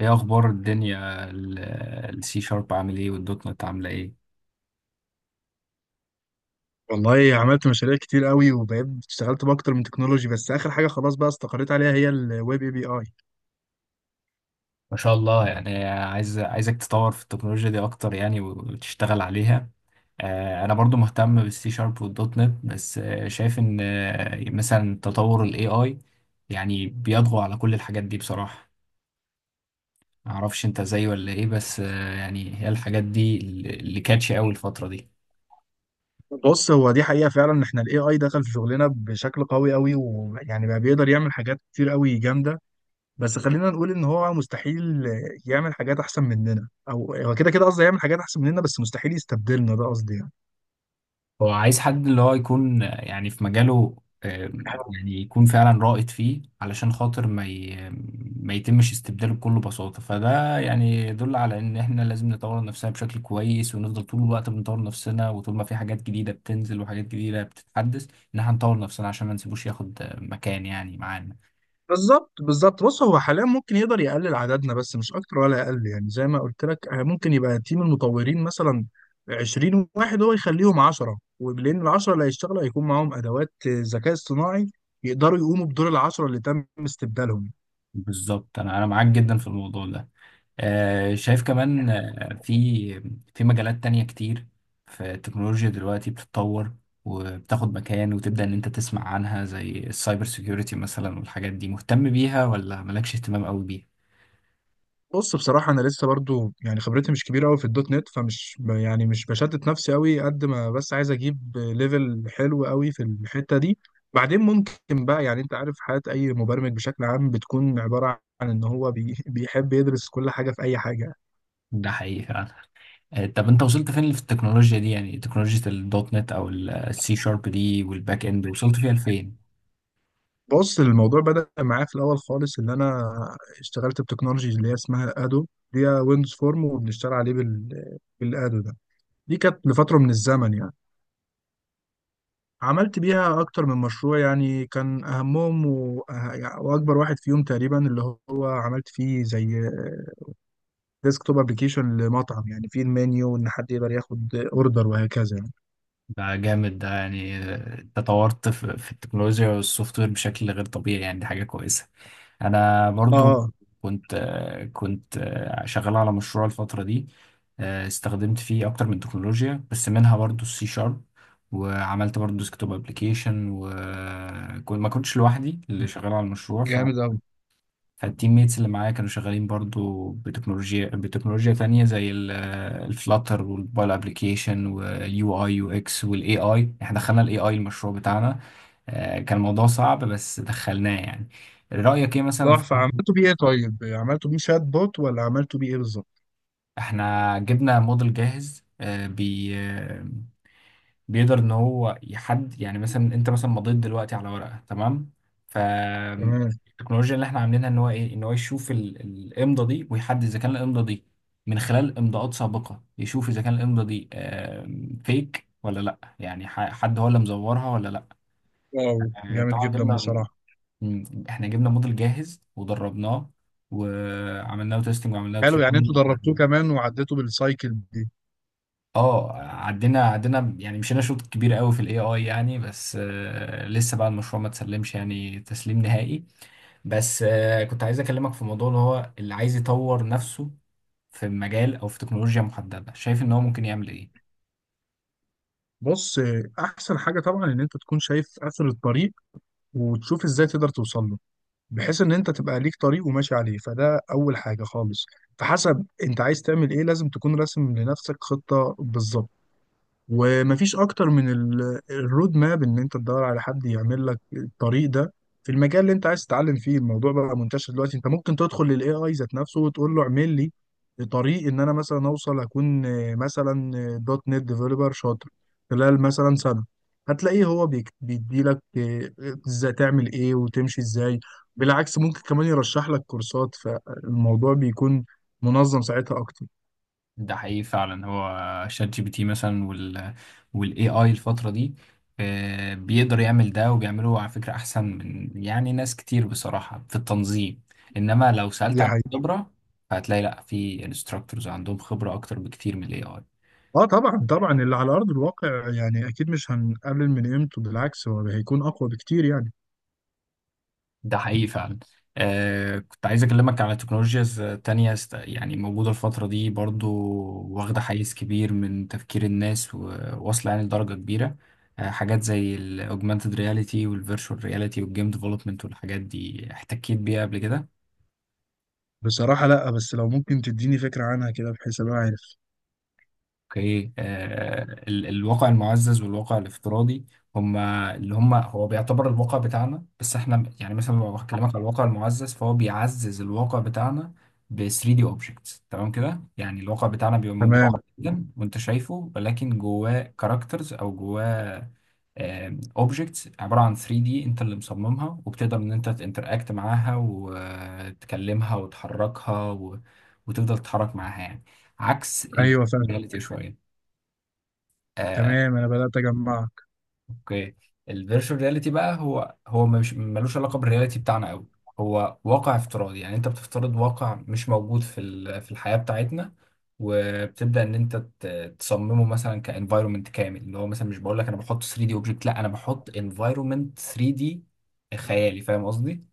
ايه اخبار الدنيا؟ السي شارب عامل ايه والدوت نت عامله ايه؟ والله عملت مشاريع كتير قوي وبقيت اشتغلت باكتر من تكنولوجي، بس اخر حاجه خلاص بقى استقريت عليها هي الويب اي بي اي. ما شاء الله، يعني عايزك تطور في التكنولوجيا دي اكتر يعني وتشتغل عليها. انا برضو مهتم بالسي شارب والدوت نت، بس شايف ان مثلا تطور الاي اي يعني بيطغى على كل الحاجات دي بصراحه. معرفش انت زيي ولا ايه، بس يعني هي الحاجات دي اللي كاتشي قوي الفتره دي. بص، هو دي حقيقه فعلا ان احنا الاي اي دخل في شغلنا بشكل قوي، ويعني بقى بيقدر يعمل حاجات كتير قوي جامده. بس خلينا نقول ان هو مستحيل يعمل حاجات احسن مننا، او هو كده قصدي، يعمل حاجات احسن مننا بس مستحيل يستبدلنا، ده قصدي يعني. هو عايز حد اللي هو يكون يعني في مجاله، آه، يعني يكون فعلا رائد فيه علشان خاطر ما يتمش استبداله بكل بساطة. فده يعني يدل على ان احنا لازم نطور نفسنا بشكل كويس ونفضل طول الوقت بنطور نفسنا، وطول ما في حاجات جديدة بتنزل وحاجات جديدة بتتحدث ان احنا نطور نفسنا عشان ما نسيبوش ياخد مكان يعني معانا. بالظبط. بص، هو حاليا ممكن يقدر يقلل عددنا بس مش اكتر ولا اقل، يعني زي ما قلت لك، ممكن يبقى تيم المطورين مثلا 20 واحد، هو يخليهم 10، ولان ال 10 اللي هيشتغلوا هيكون معاهم ادوات ذكاء اصطناعي يقدروا يقوموا بدور ال 10 اللي تم استبدالهم. بالظبط، انا معاك جدا في الموضوع ده. شايف كمان في مجالات تانية كتير في التكنولوجيا دلوقتي بتتطور وبتاخد مكان وتبدأ إن أنت تسمع عنها، زي السايبر سيكيورتي مثلا. والحاجات دي مهتم بيها ولا مالكش اهتمام قوي بيها؟ بص، بصراحة أنا لسه برضو يعني خبرتي مش كبيرة أوي في الدوت نت، يعني مش بشتت نفسي أوي قد ما بس عايز أجيب ليفل حلو أوي في الحتة دي. بعدين ممكن بقى، يعني أنت عارف حياة أي مبرمج بشكل عام بتكون عبارة عن إن هو بيحب يدرس كل حاجة في أي حاجة. ده حقيقي فعلا. طب أنت وصلت فين في التكنولوجيا دي؟ يعني تكنولوجيا الدوت نت أو السي شارب دي والباك إند، وصلت فيها لفين؟ بص، الموضوع بدأ معايا في الأول خالص، إن أنا اشتغلت بتكنولوجي اللي هي اسمها أدو، دي ويندوز فورم، وبنشتغل عليه بالأدو ده. دي كانت لفترة من الزمن يعني، عملت بيها أكتر من مشروع. يعني كان أهمهم وأكبر واحد فيهم تقريبا اللي هو عملت فيه زي ديسكتوب أبلكيشن لمطعم، يعني فيه المنيو، إن حد يقدر ياخد أوردر وهكذا يعني. ده جامد، ده يعني تطورت في التكنولوجيا والسوفت وير بشكل غير طبيعي، يعني دي حاجة كويسة. انا آه برضو آه، كنت كنت شغال على مشروع الفتره دي، استخدمت فيه اكتر من تكنولوجيا بس منها برضو السي شارب، وعملت برضو ديسكتوب ابلكيشن، وما كنتش لوحدي اللي شغال على المشروع ف جامد أوي. فالتيم ميتس اللي معايا كانوا شغالين برضو بتكنولوجيا تانية زي الفلاتر والموبايل ابلكيشن واليو اي يو اكس والاي اي. احنا دخلنا الاي اي المشروع بتاعنا، كان الموضوع صعب بس دخلناه يعني. رأيك ايه مثلا؟ تحفة، عملته بيه إيه طيب؟ عملته بيه شات بوت، ولا عملته بيه إيه بالظبط؟ احنا جبنا موديل جاهز، آه، بي آه، بيقدر ان هو يحد، يعني مثلا انت مثلا مضيت دلوقتي على ورقه تمام، تمام. فالتكنولوجيا اللي احنا عاملينها ان هو ايه، ان هو يشوف الامضه دي ويحدد اذا كان الامضه دي من خلال امضاءات سابقه، يشوف اذا كان الامضه دي فيك ولا لا. يعني حد هو اللي مزورها ولا لا. واو، جامد طبعا جدا جبنا بصراحة. احنا جبنا موديل جاهز ودربناه، وعملنا له تيستنج وعملنا له حلو، يعني انتوا تريننج. دربتوه كمان وعديتوا بالسايكل دي. اه، عدينا يعني مشينا شوط كبير قوي في الاي اي يعني، بس لسه بقى المشروع ما تسلمش يعني تسليم نهائي. بس كنت عايز اكلمك في موضوع، اللي هو اللي عايز يطور نفسه في مجال او في تكنولوجيا محددة، شايف ان هو ممكن يعمل ايه؟ بص، أحسن حاجة طبعا إن أنت تكون شايف آخر الطريق وتشوف إزاي تقدر توصل له، بحيث ان انت تبقى ليك طريق وماشي عليه، فده اول حاجه خالص. فحسب انت عايز تعمل ايه، لازم تكون راسم لنفسك خطه بالظبط. ومفيش اكتر من الرود ماب، ان انت تدور على حد يعمل لك الطريق ده في المجال اللي انت عايز تتعلم فيه. الموضوع بقى منتشر دلوقتي، انت ممكن تدخل للاي اي ذات نفسه وتقول له اعمل لي طريق ان انا مثلا اوصل اكون، مثلا، دوت نت ديفلوبر شاطر خلال مثلا سنه. هتلاقيه هو بيديلك ازاي تعمل ايه وتمشي ازاي. بالعكس ممكن كمان يرشح لك كورسات، فالموضوع بيكون منظم ساعتها اكتر. ده حقيقي فعلا. هو شات جي بي تي مثلا والاي اي الفترة دي بيقدر يعمل ده، وبيعمله على فكرة احسن من يعني ناس كتير بصراحة في التنظيم. انما لو سألت دي عن حقيقة. الخبرة فهتلاقي لا، في انستراكتورز عندهم خبرة اكتر بكتير من الاي اي. اه طبعا طبعا، اللي على ارض الواقع يعني اكيد مش هنقلل من قيمته، بالعكس هو هيكون اقوى بكتير يعني. ده حقيقي فعلا. آه كنت عايز اكلمك على تكنولوجيز تانية يعني موجودة الفترة دي برضو، واخدة حيز كبير من تفكير الناس وواصلة يعني لدرجة كبيرة. آه حاجات زي الاوجمانتد رياليتي والفيرتشوال رياليتي والجيم ديفلوبمنت والحاجات دي، احتكيت بيها قبل كده؟ بصراحه لا، بس لو ممكن تديني فكره عنها كده بحيث ابقى عارف. اوكي. الواقع المعزز والواقع الافتراضي، هما اللي هما هو بيعتبر الواقع بتاعنا، بس احنا يعني مثلا لو بكلمك على الواقع المعزز فهو بيعزز الواقع بتاعنا ب 3 دي اوبجكتس. تمام كده؟ يعني الواقع بتاعنا بيبقى موجود تمام على طبعا. الجدم وانت شايفه، ولكن جواه كاركترز او جواه اوبجكتس عباره عن 3 دي انت اللي مصممها، وبتقدر ان انت تنتراكت معاها وتكلمها وتحركها و... وتفضل تتحرك معاها يعني، عكس ايوه فاهم. الرياليتي شويه آه، تمام، انا بدات اجمعك. اوكي. الفيرتشوال رياليتي بقى، هو مش ملوش علاقه بالرياليتي بتاعنا قوي. هو واقع افتراضي، يعني انت بتفترض واقع مش موجود في في الحياه بتاعتنا، وبتبدا ان انت تصممه مثلا كانفايرمنت كامل. اللي هو مثلا مش بقول لك انا بحط 3 دي اوبجكت، لا انا بحط انفايرمنت 3 دي خيالي، فاهم قصدي؟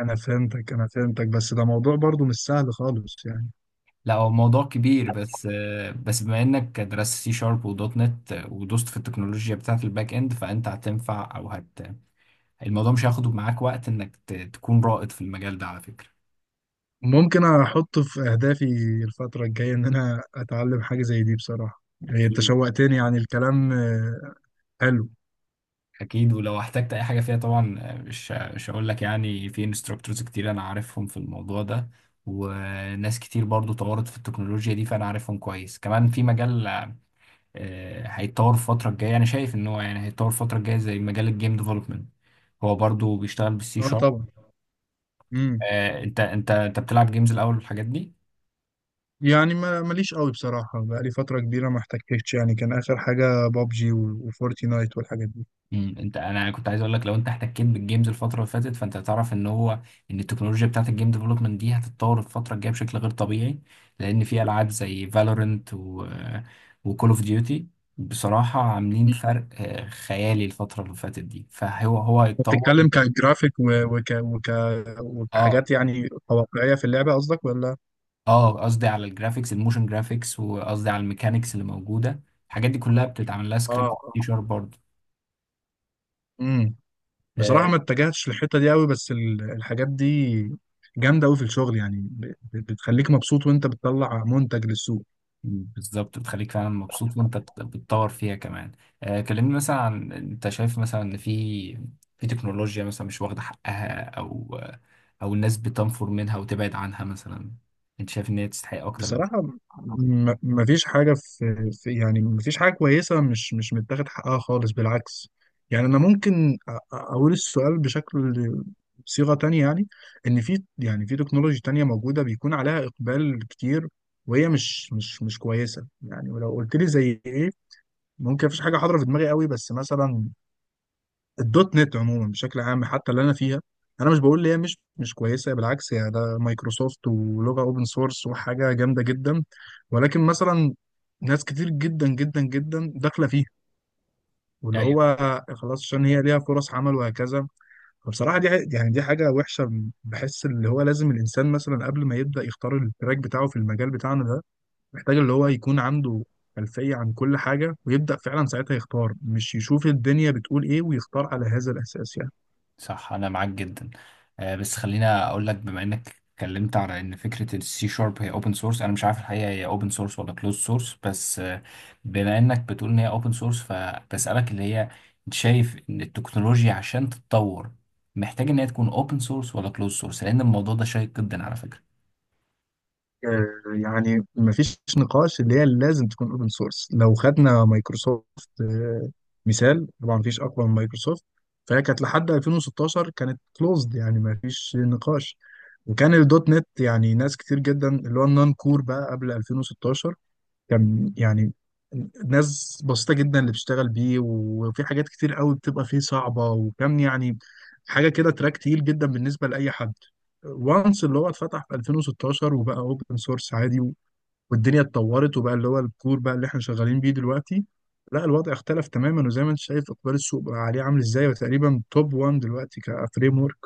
انا فهمتك بس ده موضوع برضو مش سهل خالص يعني. لا، هو موضوع كبير بس بس بما انك درست سي شارب ودوت نت ودوست في التكنولوجيا بتاعت الباك اند، فانت هتنفع او هت الموضوع مش هياخد معاك وقت انك تكون رائد في المجال ده على فكرة. ممكن احطه في اهدافي الفتره الجايه، ان انا اتعلم حاجه زي دي بصراحه. يعني انت أكيد. شوقتني يعني الكلام، حلو. اكيد ولو احتجت اي حاجه فيها طبعا، مش هقول لك يعني، في انستراكتورز كتير انا عارفهم في الموضوع ده، وناس كتير برضو طورت في التكنولوجيا دي فانا عارفهم كويس كمان في مجال. هيتطور الفتره الجايه، انا شايف ان هو يعني هيتطور الفتره الجايه، زي مجال الجيم ديفلوبمنت، هو برضو بيشتغل بالسي اه شارب. طبعا. امم انت بتلعب جيمز الاول والحاجات دي؟ يعني ماليش قوي بصراحة، بقالي فترة كبيرة ما احتكتش يعني. كان آخر حاجة بابجي وفورتنايت والحاجات دي. انت، انا كنت عايز اقول لك لو انت احتكيت بالجيمز الفتره اللي فاتت فانت هتعرف ان هو، ان التكنولوجيا بتاعت الجيم ديفلوبمنت دي هتتطور الفتره الجايه بشكل غير طبيعي، لان في العاب زي فالورنت وكول اوف ديوتي بصراحه عاملين فرق خيالي الفتره اللي فاتت دي. فهو هو هيتطور. بتتكلم كجرافيك و- وك وك اه، وكحاجات يعني واقعية في اللعبة قصدك، ولا؟ اه قصدي على الجرافيكس، الموشن جرافيكس، وقصدي على الميكانيكس اللي موجوده. الحاجات دي كلها بتتعمل لها سكريبت دي اه. شارب برضه. امم بصراحة آه، ما اتجهتش للحتة دي قوي. بس الحاجات دي جامدة قوي في الشغل، يعني بتخليك مبسوط وانت بتطلع منتج للسوق. بالظبط، بتخليك فعلا مبسوط وانت بتطور فيها كمان. كلمني مثلا، عن انت شايف مثلا ان في تكنولوجيا مثلا مش واخدة حقها، او الناس بتنفر منها وتبعد عنها، مثلا انت شايف ان هي تستحق اكتر بصراحة، مفيش حاجة في يعني مفيش حاجة كويسة مش متاخد حقها خالص بالعكس. يعني أنا ممكن أقول السؤال بشكل، صيغة تانية يعني، إن في يعني في تكنولوجي تانية موجودة بيكون عليها إقبال كتير وهي مش كويسة يعني. ولو قلت لي زي إيه، ممكن مفيش حاجة حاضرة في دماغي قوي، بس مثلا الدوت نت عموما بشكل عام، حتى اللي انا فيها. انا مش بقول ان هي مش كويسه، بالعكس هي ده مايكروسوفت ولغه اوبن سورس وحاجه جامده جدا. ولكن مثلا، ناس كتير جدا داخله فيها، واللي من هو خلاص عشان هي ليها فرص عمل وهكذا. فبصراحه دي يعني دي حاجه وحشه. بحس اللي هو لازم الانسان مثلا قبل ما يبدا يختار التراك بتاعه في المجال بتاعنا ده، محتاج اللي هو يكون عنده خلفيه عن كل حاجه، ويبدا فعلا ساعتها يختار، مش يشوف الدنيا بتقول ايه ويختار على هذا الاساس يعني. صح، انا معاك جدا. بس خلينا اقول لك، بما انك اتكلمت على ان فكره السي شارب هي اوبن سورس، انا مش عارف الحقيقه هي اوبن سورس ولا كلوز سورس، بس بما انك بتقول ان هي اوبن سورس، فبسالك اللي هي انت شايف ان التكنولوجيا عشان تتطور محتاج ان هي تكون اوبن سورس ولا كلوز سورس؟ لان الموضوع ده شيق جدا على فكره. يعني مفيش نقاش اللي هي لازم تكون اوبن سورس. لو خدنا مايكروسوفت، آه، مثال، طبعا مفيش اقوى من مايكروسوفت. فهي كانت لحد 2016 كانت كلوزد، يعني مفيش نقاش. وكان الدوت نت يعني ناس كتير جدا، اللي هو النون كور بقى قبل 2016، كان يعني ناس بسيطة جدا اللي بتشتغل بيه، وفي حاجات كتير قوي بتبقى فيه صعبة، وكان يعني حاجة كده تراك تقيل جدا بالنسبة لأي حد. وانس اللي هو اتفتح في 2016 وبقى اوبن سورس عادي، والدنيا اتطورت، وبقى اللي هو الكور بقى اللي احنا شغالين بيه دلوقتي. لا، الوضع اختلف تماما، وزي ما انت شايف اقبال السوق بقى عليه عامل ازاي، وتقريبا توب 1 دلوقتي كفريم ورك.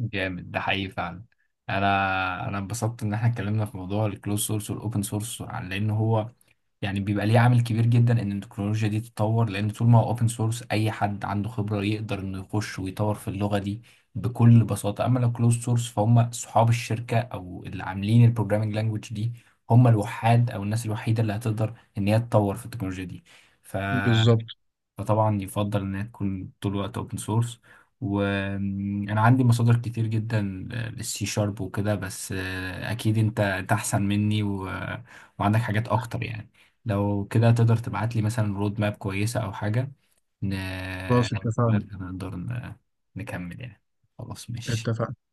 جامد، ده حقيقي فعلا. انا انبسطت ان احنا اتكلمنا في موضوع الكلوز سورس والاوبن سورس، لان هو يعني بيبقى ليه عامل كبير جدا ان التكنولوجيا دي تتطور، لان طول ما هو اوبن سورس اي حد عنده خبرة يقدر انه يخش ويطور في اللغة دي بكل بساطة. اما لو كلوز سورس، فهم صحاب الشركة او اللي عاملين البروجرامينج لانجوج دي، هم الوحاد او الناس الوحيدة اللي هتقدر ان هي تطور في التكنولوجيا دي. ف بالظبط. فطبعا يفضل إنها تكون طول الوقت أوبن سورس. وأنا عندي مصادر كتير جدا للسي شارب وكده، بس أكيد أنت أحسن مني و... وعندك حاجات أكتر يعني. لو كده تقدر تبعت لي مثلا رود ماب كويسة أو حاجة ن... خلاص من اتفقنا. خلالها نقدر نكمل يعني. خلاص، ماشي. اتفقنا.